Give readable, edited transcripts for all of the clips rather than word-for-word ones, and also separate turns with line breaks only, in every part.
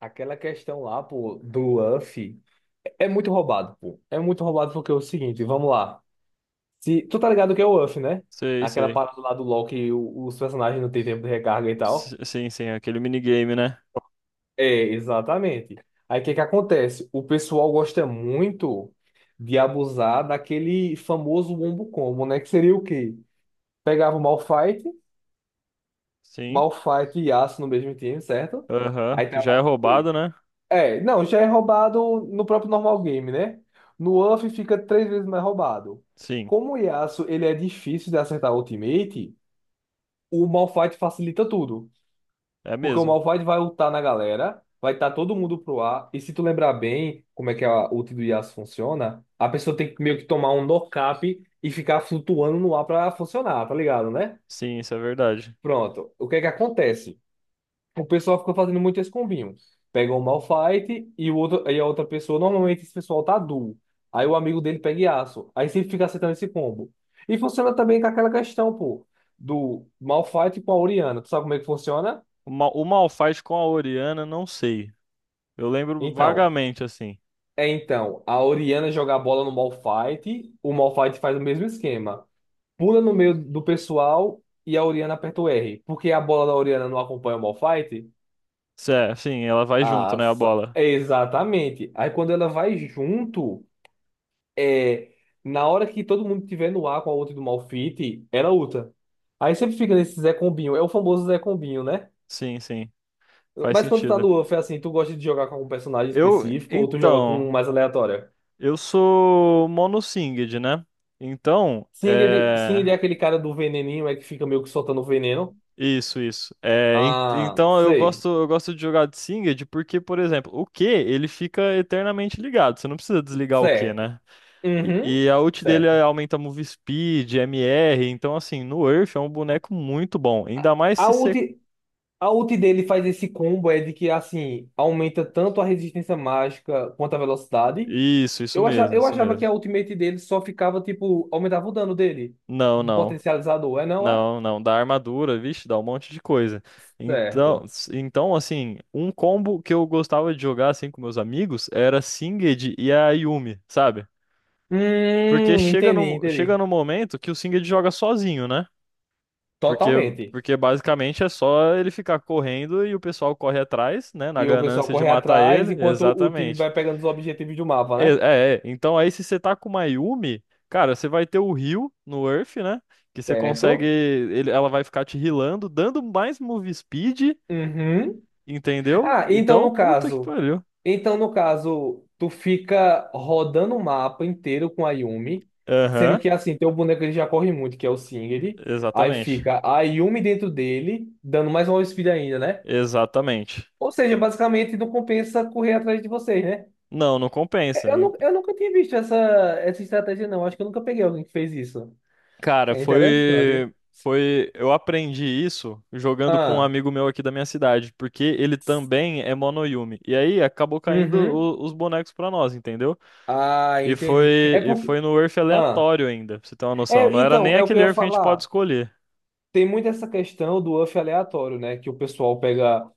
Aquela questão lá, pô, do UF é muito roubado, pô. É muito roubado porque é o seguinte, vamos lá. Se, tu tá ligado que é o UF, né?
Sei,
Aquela
sei.
parada lá do LoL que os personagens não têm tempo de recarga e tal.
Sim, sim, aquele minigame, né?
É, exatamente. Aí o que que acontece? O pessoal gosta muito de abusar daquele famoso wombo combo, né? Que seria o quê? Pegava o Malphite,
Sim.
Malphite e Yasuo no mesmo time, certo?
Aham.
Aí
Que
tá
já é
lá os dois.
roubado, né?
É, não, já é roubado no próprio normal game, né? No UF fica três vezes mais roubado.
Sim,
Como o Yasuo ele é difícil de acertar ultimate, o Malphite facilita tudo.
é
Porque o
mesmo.
Malphite vai ultar na galera, vai estar todo mundo pro ar. E se tu lembrar bem como é que a ult do Yasuo funciona, a pessoa tem que meio que tomar um nocap e ficar flutuando no ar pra funcionar, tá ligado, né?
Sim, isso é verdade.
Pronto. O que é que acontece? O pessoal fica fazendo muito esse combinho. Pega um Malphite e, o outro, e a outra pessoa, normalmente esse pessoal tá duo. Aí o amigo dele pega Yasuo. Aí sempre fica acertando esse combo. E funciona também com aquela questão, pô, do Malphite com a Orianna. Tu sabe como é que funciona?
O Malphite com a Orianna, não sei. Eu lembro
Então,
vagamente, assim.
então, a Orianna joga a bola no Malphite, o Malphite faz o mesmo esquema. Pula no meio do pessoal e a Orianna aperta o R. Porque a bola da Orianna não acompanha o Malphite?
Sim, ela vai junto,
Ah,
né, a bola.
exatamente. Aí quando ela vai junto. é, na hora que todo mundo tiver no ar com a ult do Malphite, ela ulta. Aí sempre fica nesse Zé Combinho. É o famoso Zé Combinho, né?
Sim, sim. Faz
Mas quando tá
sentido.
no UF, é assim, tu gosta de jogar com algum personagem específico ou tu joga com um
Então,
mais aleatório?
eu sou monossinged, né? Então,
Singed,
é.
Singed é aquele cara do veneninho, é que fica meio que soltando veneno.
Isso, isso. É,
Ah,
então eu
sei.
gosto, eu gosto de jogar de Singed porque, por exemplo, o Q ele fica eternamente ligado. Você não precisa desligar o Q,
Certo.
né?
Uhum.
E a ult dele
Certo.
aumenta move speed, MR. Então, assim, no Earth é um boneco muito bom. Ainda
A
mais
a
se
ult,
você.
a ult dele faz esse combo é de que, assim, aumenta tanto a resistência mágica quanto a velocidade.
Isso
Eu achava,
mesmo,
eu
isso
achava que
mesmo.
a ultimate dele só ficava, tipo, aumentava o dano dele.
Não,
Um
não.
potencializador, é não é?
Não, não. Dá armadura, vixe, dá um monte de coisa. Então,
Certo.
assim, um combo que eu gostava de jogar assim com meus amigos era Singed e a Yuumi, sabe? Porque chega
Entendi,
no, chega
entendi.
no momento que o Singed joga sozinho, né? Porque,
Totalmente.
porque basicamente é só ele ficar correndo e o pessoal corre atrás, né? Na
E o pessoal
ganância de
corre
matar
atrás
ele.
enquanto o time
Exatamente.
vai pegando os objetivos do mapa,
É,
né?
é, é. Então aí se você tá com uma Yumi, cara, você vai ter o heal no Earth, né? Que você consegue.
Certo?
Ela vai ficar te healando, dando mais move speed,
Uhum.
entendeu?
Ah, então
Então,
no
puta que
caso.
pariu.
Então no caso, tu fica rodando o mapa inteiro com a Yumi, sendo
Aham,
que assim, teu boneco ele já corre muito, que é o Singed. Aí
exatamente.
fica a Yumi dentro dele, dando mais uma speed ainda, né?
Exatamente.
Ou seja, basicamente não compensa correr atrás de vocês, né?
Não, não compensa.
Eu nunca tinha visto essa estratégia, não. Acho que eu nunca peguei alguém que fez isso.
Cara,
É interessante.
eu aprendi isso jogando com um
Ah,
amigo meu aqui da minha cidade, porque ele também é Monoyumi. E aí acabou caindo
uhum.
os bonecos pra nós, entendeu?
Ah,
E foi,
entendi. É
e
porque.
foi no Earth
Ah,
aleatório ainda, pra você ter uma noção. Não era nem
é o que
aquele
eu ia
Earth que a gente pode
falar.
escolher.
Tem muito essa questão do UF aleatório, né? Que o pessoal pega.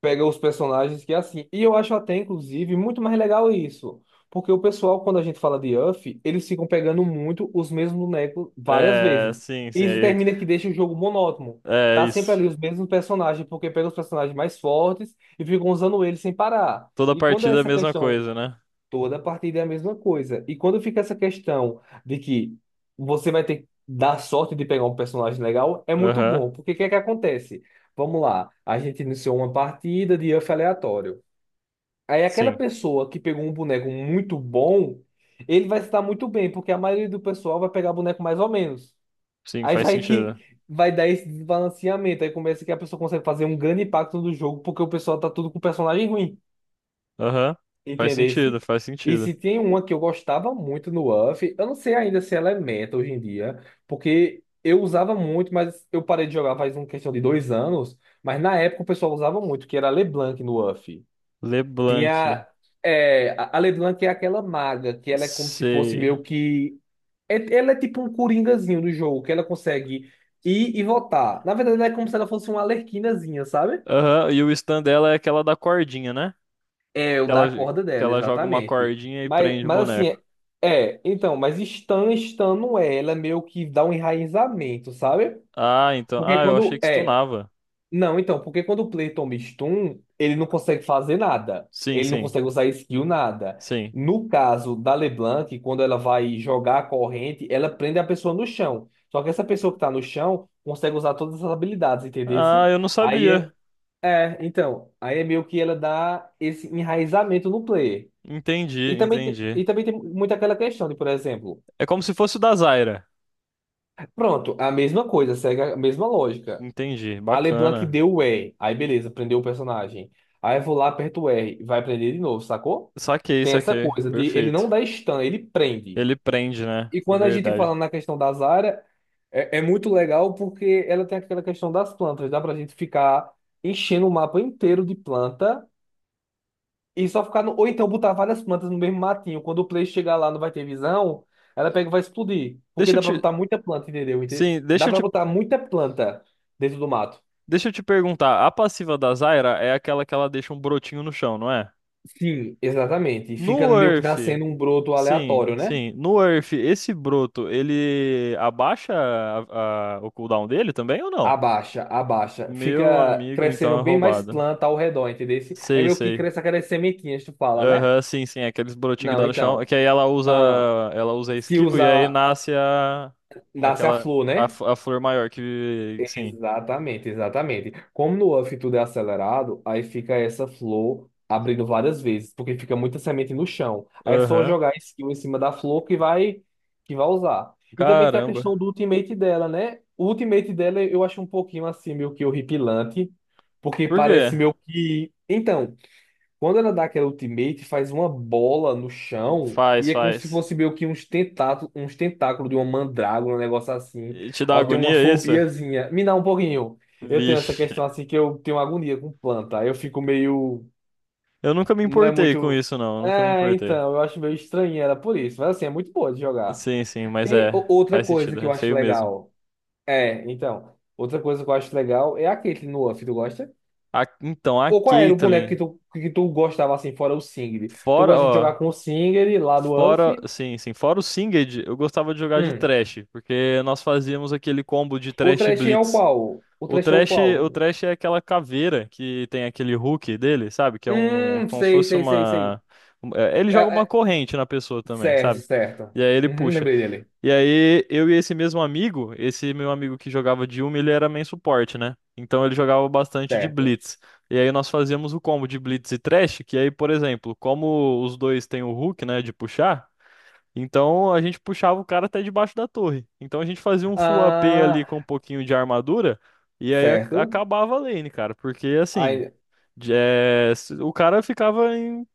pega os personagens que é assim. E eu acho até, inclusive, muito mais legal isso. Porque o pessoal, quando a gente fala de Uff, eles ficam pegando muito os mesmos bonecos várias
É,
vezes.
sim,
E
sim,
isso
aí,
termina que deixa o jogo monótono.
é
Tá sempre
isso.
ali os mesmos personagens, porque pega os personagens mais fortes e ficam usando eles sem parar.
Toda
E quando é
partida é a
essa
mesma
questão
coisa, né?
Toda partida é a mesma coisa. E quando fica essa questão de que você vai ter que dar sorte de pegar um personagem legal, é muito
Aham.
bom. Porque o que é que acontece? Vamos lá, a gente iniciou uma partida de UF aleatório. Aí aquela
Sim,
pessoa que pegou um boneco muito bom, ele vai se dar muito bem, porque a maioria do pessoal vai pegar boneco mais ou menos.
sim,
Aí
faz
vai
sentido.
que vai dar esse desbalanceamento. Aí começa que a pessoa consegue fazer um grande impacto no jogo, porque o pessoal tá tudo com personagem ruim.
Aham. Faz
Entendesse?
sentido, faz
E
sentido.
se tem uma que eu gostava muito no UF, eu não sei ainda se ela é meta hoje em dia, porque eu usava muito, mas eu parei de jogar faz uma questão de 2 anos, mas na época o pessoal usava muito, que era a LeBlanc no UF.
LeBlanc.
Tinha. É, a LeBlanc é aquela maga, que ela é como se fosse
Sei.
meio que. Ela é tipo um coringazinho do jogo, que ela consegue ir e voltar. Na verdade, ela é como se ela fosse uma arlequinazinha, sabe?
Aham, e o stand dela é aquela da cordinha, né?
É,
Que
o da
ela, que
corda dela,
ela joga uma
exatamente.
cordinha e
Mas,
prende o
mas assim,
boneco.
Stan não é, ela é meio que dá um enraizamento, sabe?
Ah, então.
Porque
Ah, eu achei
quando,
que stunava.
não, então, porque quando o Play toma stun, ele não consegue fazer nada,
Sim,
ele não
sim,
consegue usar skill nada.
sim.
No caso da LeBlanc, quando ela vai jogar a corrente, ela prende a pessoa no chão. Só que essa pessoa que tá no chão consegue usar todas as habilidades, entendeu?
Ah, eu não
Aí
sabia.
é, aí é meio que ela dá esse enraizamento no player.
Entendi,
E também, te-
entendi.
e também tem muito aquela questão de, por exemplo,
É como se fosse o da Zyra.
pronto, a mesma coisa, segue a mesma lógica.
Entendi,
A LeBlanc
bacana.
deu o R, aí beleza, prendeu o personagem. Aí eu vou lá, aperto o R, vai prender de novo, sacou?
Saquei,
Tem essa
saquei.
coisa de ele não
Perfeito.
dá stun, ele prende.
Ele prende, né?
E quando a gente fala
Verdade.
na questão da Zarya, é muito legal porque ela tem aquela questão das plantas, dá pra gente ficar enchendo o mapa inteiro de planta. E só ficar no... Ou então botar várias plantas no mesmo matinho. Quando o Play chegar lá, não vai ter visão. Ela pega e vai explodir. Porque
Deixa eu
dá pra
te.
botar muita planta, entendeu?
Sim,
Dá pra botar muita planta dentro do mato.
Deixa eu te perguntar. A passiva da Zyra é aquela que ela deixa um brotinho no chão, não é?
Sim, exatamente. Fica
No
meio que
Earth.
nascendo um broto aleatório,
Sim,
né?
sim. No Earth, esse broto, ele abaixa o cooldown dele também ou não?
Abaixa, abaixa.
Meu
Fica
amigo, então
crescendo
é
bem mais
roubado.
planta ao redor, entendeu? É
Sei,
meio que
sei.
cresce aquelas sementinhas, tu fala, né?
Aham, sim, sim. Aqueles brotinhos que
Não,
dá no chão.
então.
Que aí ela usa,
Ah,
ela usa a
se
skill e aí
usar.
nasce a,
Nasce a
aquela,
flor,
a,
né?
f- a flor maior que, sim.
Exatamente, exatamente. Como no UF tudo é acelerado, aí fica essa flor abrindo várias vezes, porque fica muita semente no chão. Aí é só
Aham.
jogar a skill em cima da flor que vai usar. E também tem a
Caramba.
questão do ultimate dela, né? O ultimate dela eu acho um pouquinho assim meio que horripilante, porque
Por quê?
parece meio que então, quando ela dá aquela ultimate, faz uma bola no chão
Faz,
e é como se
faz.
fosse meio que uns tentáculos de uma mandrágora, um negócio assim.
E te dá
Ó, eu tenho uma
agonia isso?
fobiazinha. Me dá um pouquinho. Eu tenho essa
Vixe.
questão assim que eu tenho agonia com planta. Eu fico meio.
Eu nunca me
Não é
importei com
muito.
isso, não. Eu nunca me
É,
importei.
então, eu acho meio estranho era por isso. Mas assim, é muito boa de jogar.
Sim, sim, mas
Tem
é,
outra
faz
coisa
sentido,
que eu
é
acho
feio mesmo.
legal. É, então. Outra coisa que eu acho legal é a Caitlyn no Uff, tu gosta?
Então, a
Ou qual era o boneco que
Caitlyn,
tu, que tu gostava assim, fora o Singed? Tu
fora,
gosta de jogar
ó,
com o Singed lá no UF?
sim, sim, fora o Singed, eu gostava de jogar de
Hum.
Thresh, porque nós fazíamos aquele combo de
O
Thresh e
trash é o
Blitz.
qual? O
O
trash é o
Thresh,
qual?
o Thresh é aquela caveira que tem aquele hook dele, sabe? Que é um, como se
Sei,
fosse
sei, sei, sei.
uma, é, ele
É,
joga uma
é,
corrente na pessoa também,
certo,
sabe?
certo.
E aí ele
Uhum,
puxa.
lembrei dele.
E aí, eu e esse mesmo amigo, esse meu amigo que jogava de Yumi, ele era main suporte, né? Então ele jogava bastante de
Certo.
Blitz. E aí nós fazíamos o combo de Blitz e Thresh, que aí, por exemplo, como os dois têm o hook, né, de puxar, então a gente puxava o cara até debaixo da torre. Então a gente fazia um full AP ali
Ah,
com um pouquinho de armadura, e aí
certo.
acabava a lane, cara, porque assim,
Aí,
o cara ficava em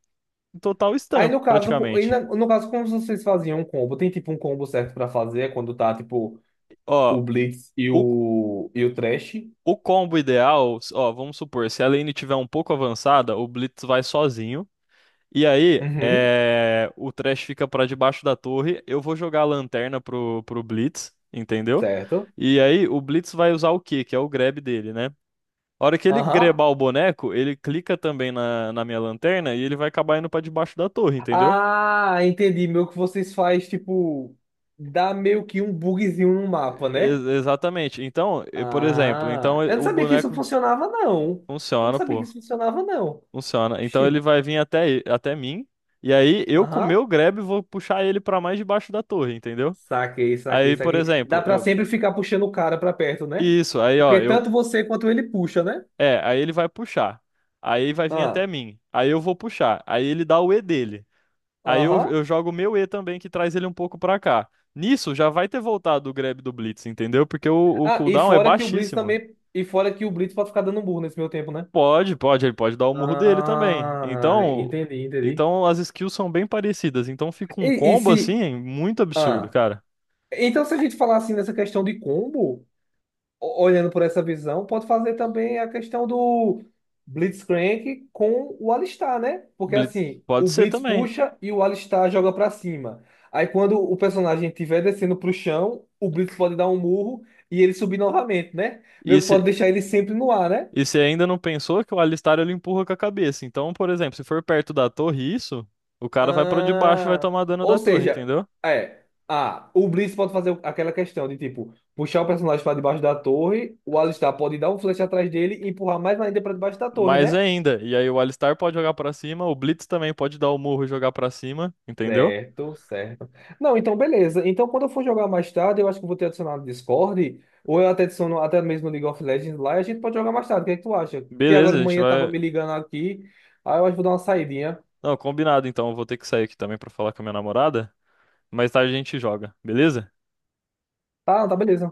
total
aí
stun,
no caso, co- aí
praticamente.
na- no caso, como vocês faziam um combo? Tem tipo um combo certo pra fazer quando tá tipo
Ó,
o Blitz e
o,
o Thresh?
O combo ideal, ó, vamos supor, se a lane tiver um pouco avançada, o Blitz vai sozinho. E aí,
Uhum,
o Thresh fica pra debaixo da torre. Eu vou jogar a lanterna pro Blitz, entendeu?
certo.
E aí, o Blitz vai usar o quê? Que é o grab dele, né? A hora que ele grebar
Aham.
o boneco, ele clica também na minha lanterna e ele vai acabar indo pra debaixo da torre, entendeu?
Ah, entendi. Meio que vocês faz, tipo, dá meio que um bugzinho no mapa, né?
Exatamente. Então, por exemplo, então
Ah, eu não
o
sabia que isso
boneco
funcionava, não. Eu não
funciona,
sabia que
pô.
isso funcionava, não.
Funciona. Então ele
Xi.
vai vir até mim, e aí eu com o
Aham.
meu grab vou puxar ele pra mais debaixo da torre, entendeu?
Saquei, saquei,
Aí, por
saquei.
exemplo,
Dá pra
eu.
sempre ficar puxando o cara pra perto, né?
Isso, aí ó,
Porque
eu.
tanto você quanto ele puxa, né?
É, aí ele vai puxar. Aí vai vir
Ah,
até mim. Aí eu vou puxar. Aí ele dá o E dele. Aí eu,
aham.
eu jogo o meu E também, que traz ele um pouco pra cá. Nisso já vai ter voltado o grab do Blitz, entendeu? Porque o
Ah, e
cooldown é
fora que o Blitz
baixíssimo.
também. E fora que o Blitz pode ficar dando burro nesse meu tempo, né?
Pode, pode, ele pode dar o murro dele também.
Ah,
Então,
entendi, entendi.
então as skills são bem parecidas. Então fica um
E
combo
se.
assim, muito absurdo,
Ah.
cara.
Então, se a gente falar assim nessa questão de combo, olhando por essa visão, pode fazer também a questão do Blitzcrank com o Alistar, né? Porque
Blitz,
assim,
pode
o
ser
Blitz
também.
puxa e o Alistar joga pra cima. Aí quando o personagem estiver descendo pro chão, o Blitz pode dar um murro e ele subir novamente, né? Meio
E
que
se,
pode deixar ele sempre no ar, né?
e se ainda não pensou que o Alistar ele empurra com a cabeça. Então, por exemplo, se for perto da torre isso, o cara vai pra debaixo e vai
Ah,
tomar dano
ou
da torre,
seja,
entendeu?
é. Ah, o Blitz pode fazer aquela questão de tipo puxar o personagem para debaixo da torre, o Alistar pode dar um flash atrás dele e empurrar mais ainda para debaixo da torre,
Mais
né?
ainda. E aí o Alistar pode jogar pra cima, o Blitz também pode dar o murro e jogar pra cima, entendeu?
Certo, certo. Não, então beleza. Então quando eu for jogar mais tarde, eu acho que eu vou ter adicionado no Discord, ou eu até adiciono até mesmo no League of Legends lá e a gente pode jogar mais tarde. O que é que tu acha? Que
Beleza,
agora
a
de
gente
manhã tava
vai.
me ligando aqui, aí eu acho que vou dar uma saidinha.
Não, combinado então. Eu vou ter que sair aqui também pra falar com a minha namorada. Mais tarde a gente joga, beleza?
Tá, tá beleza.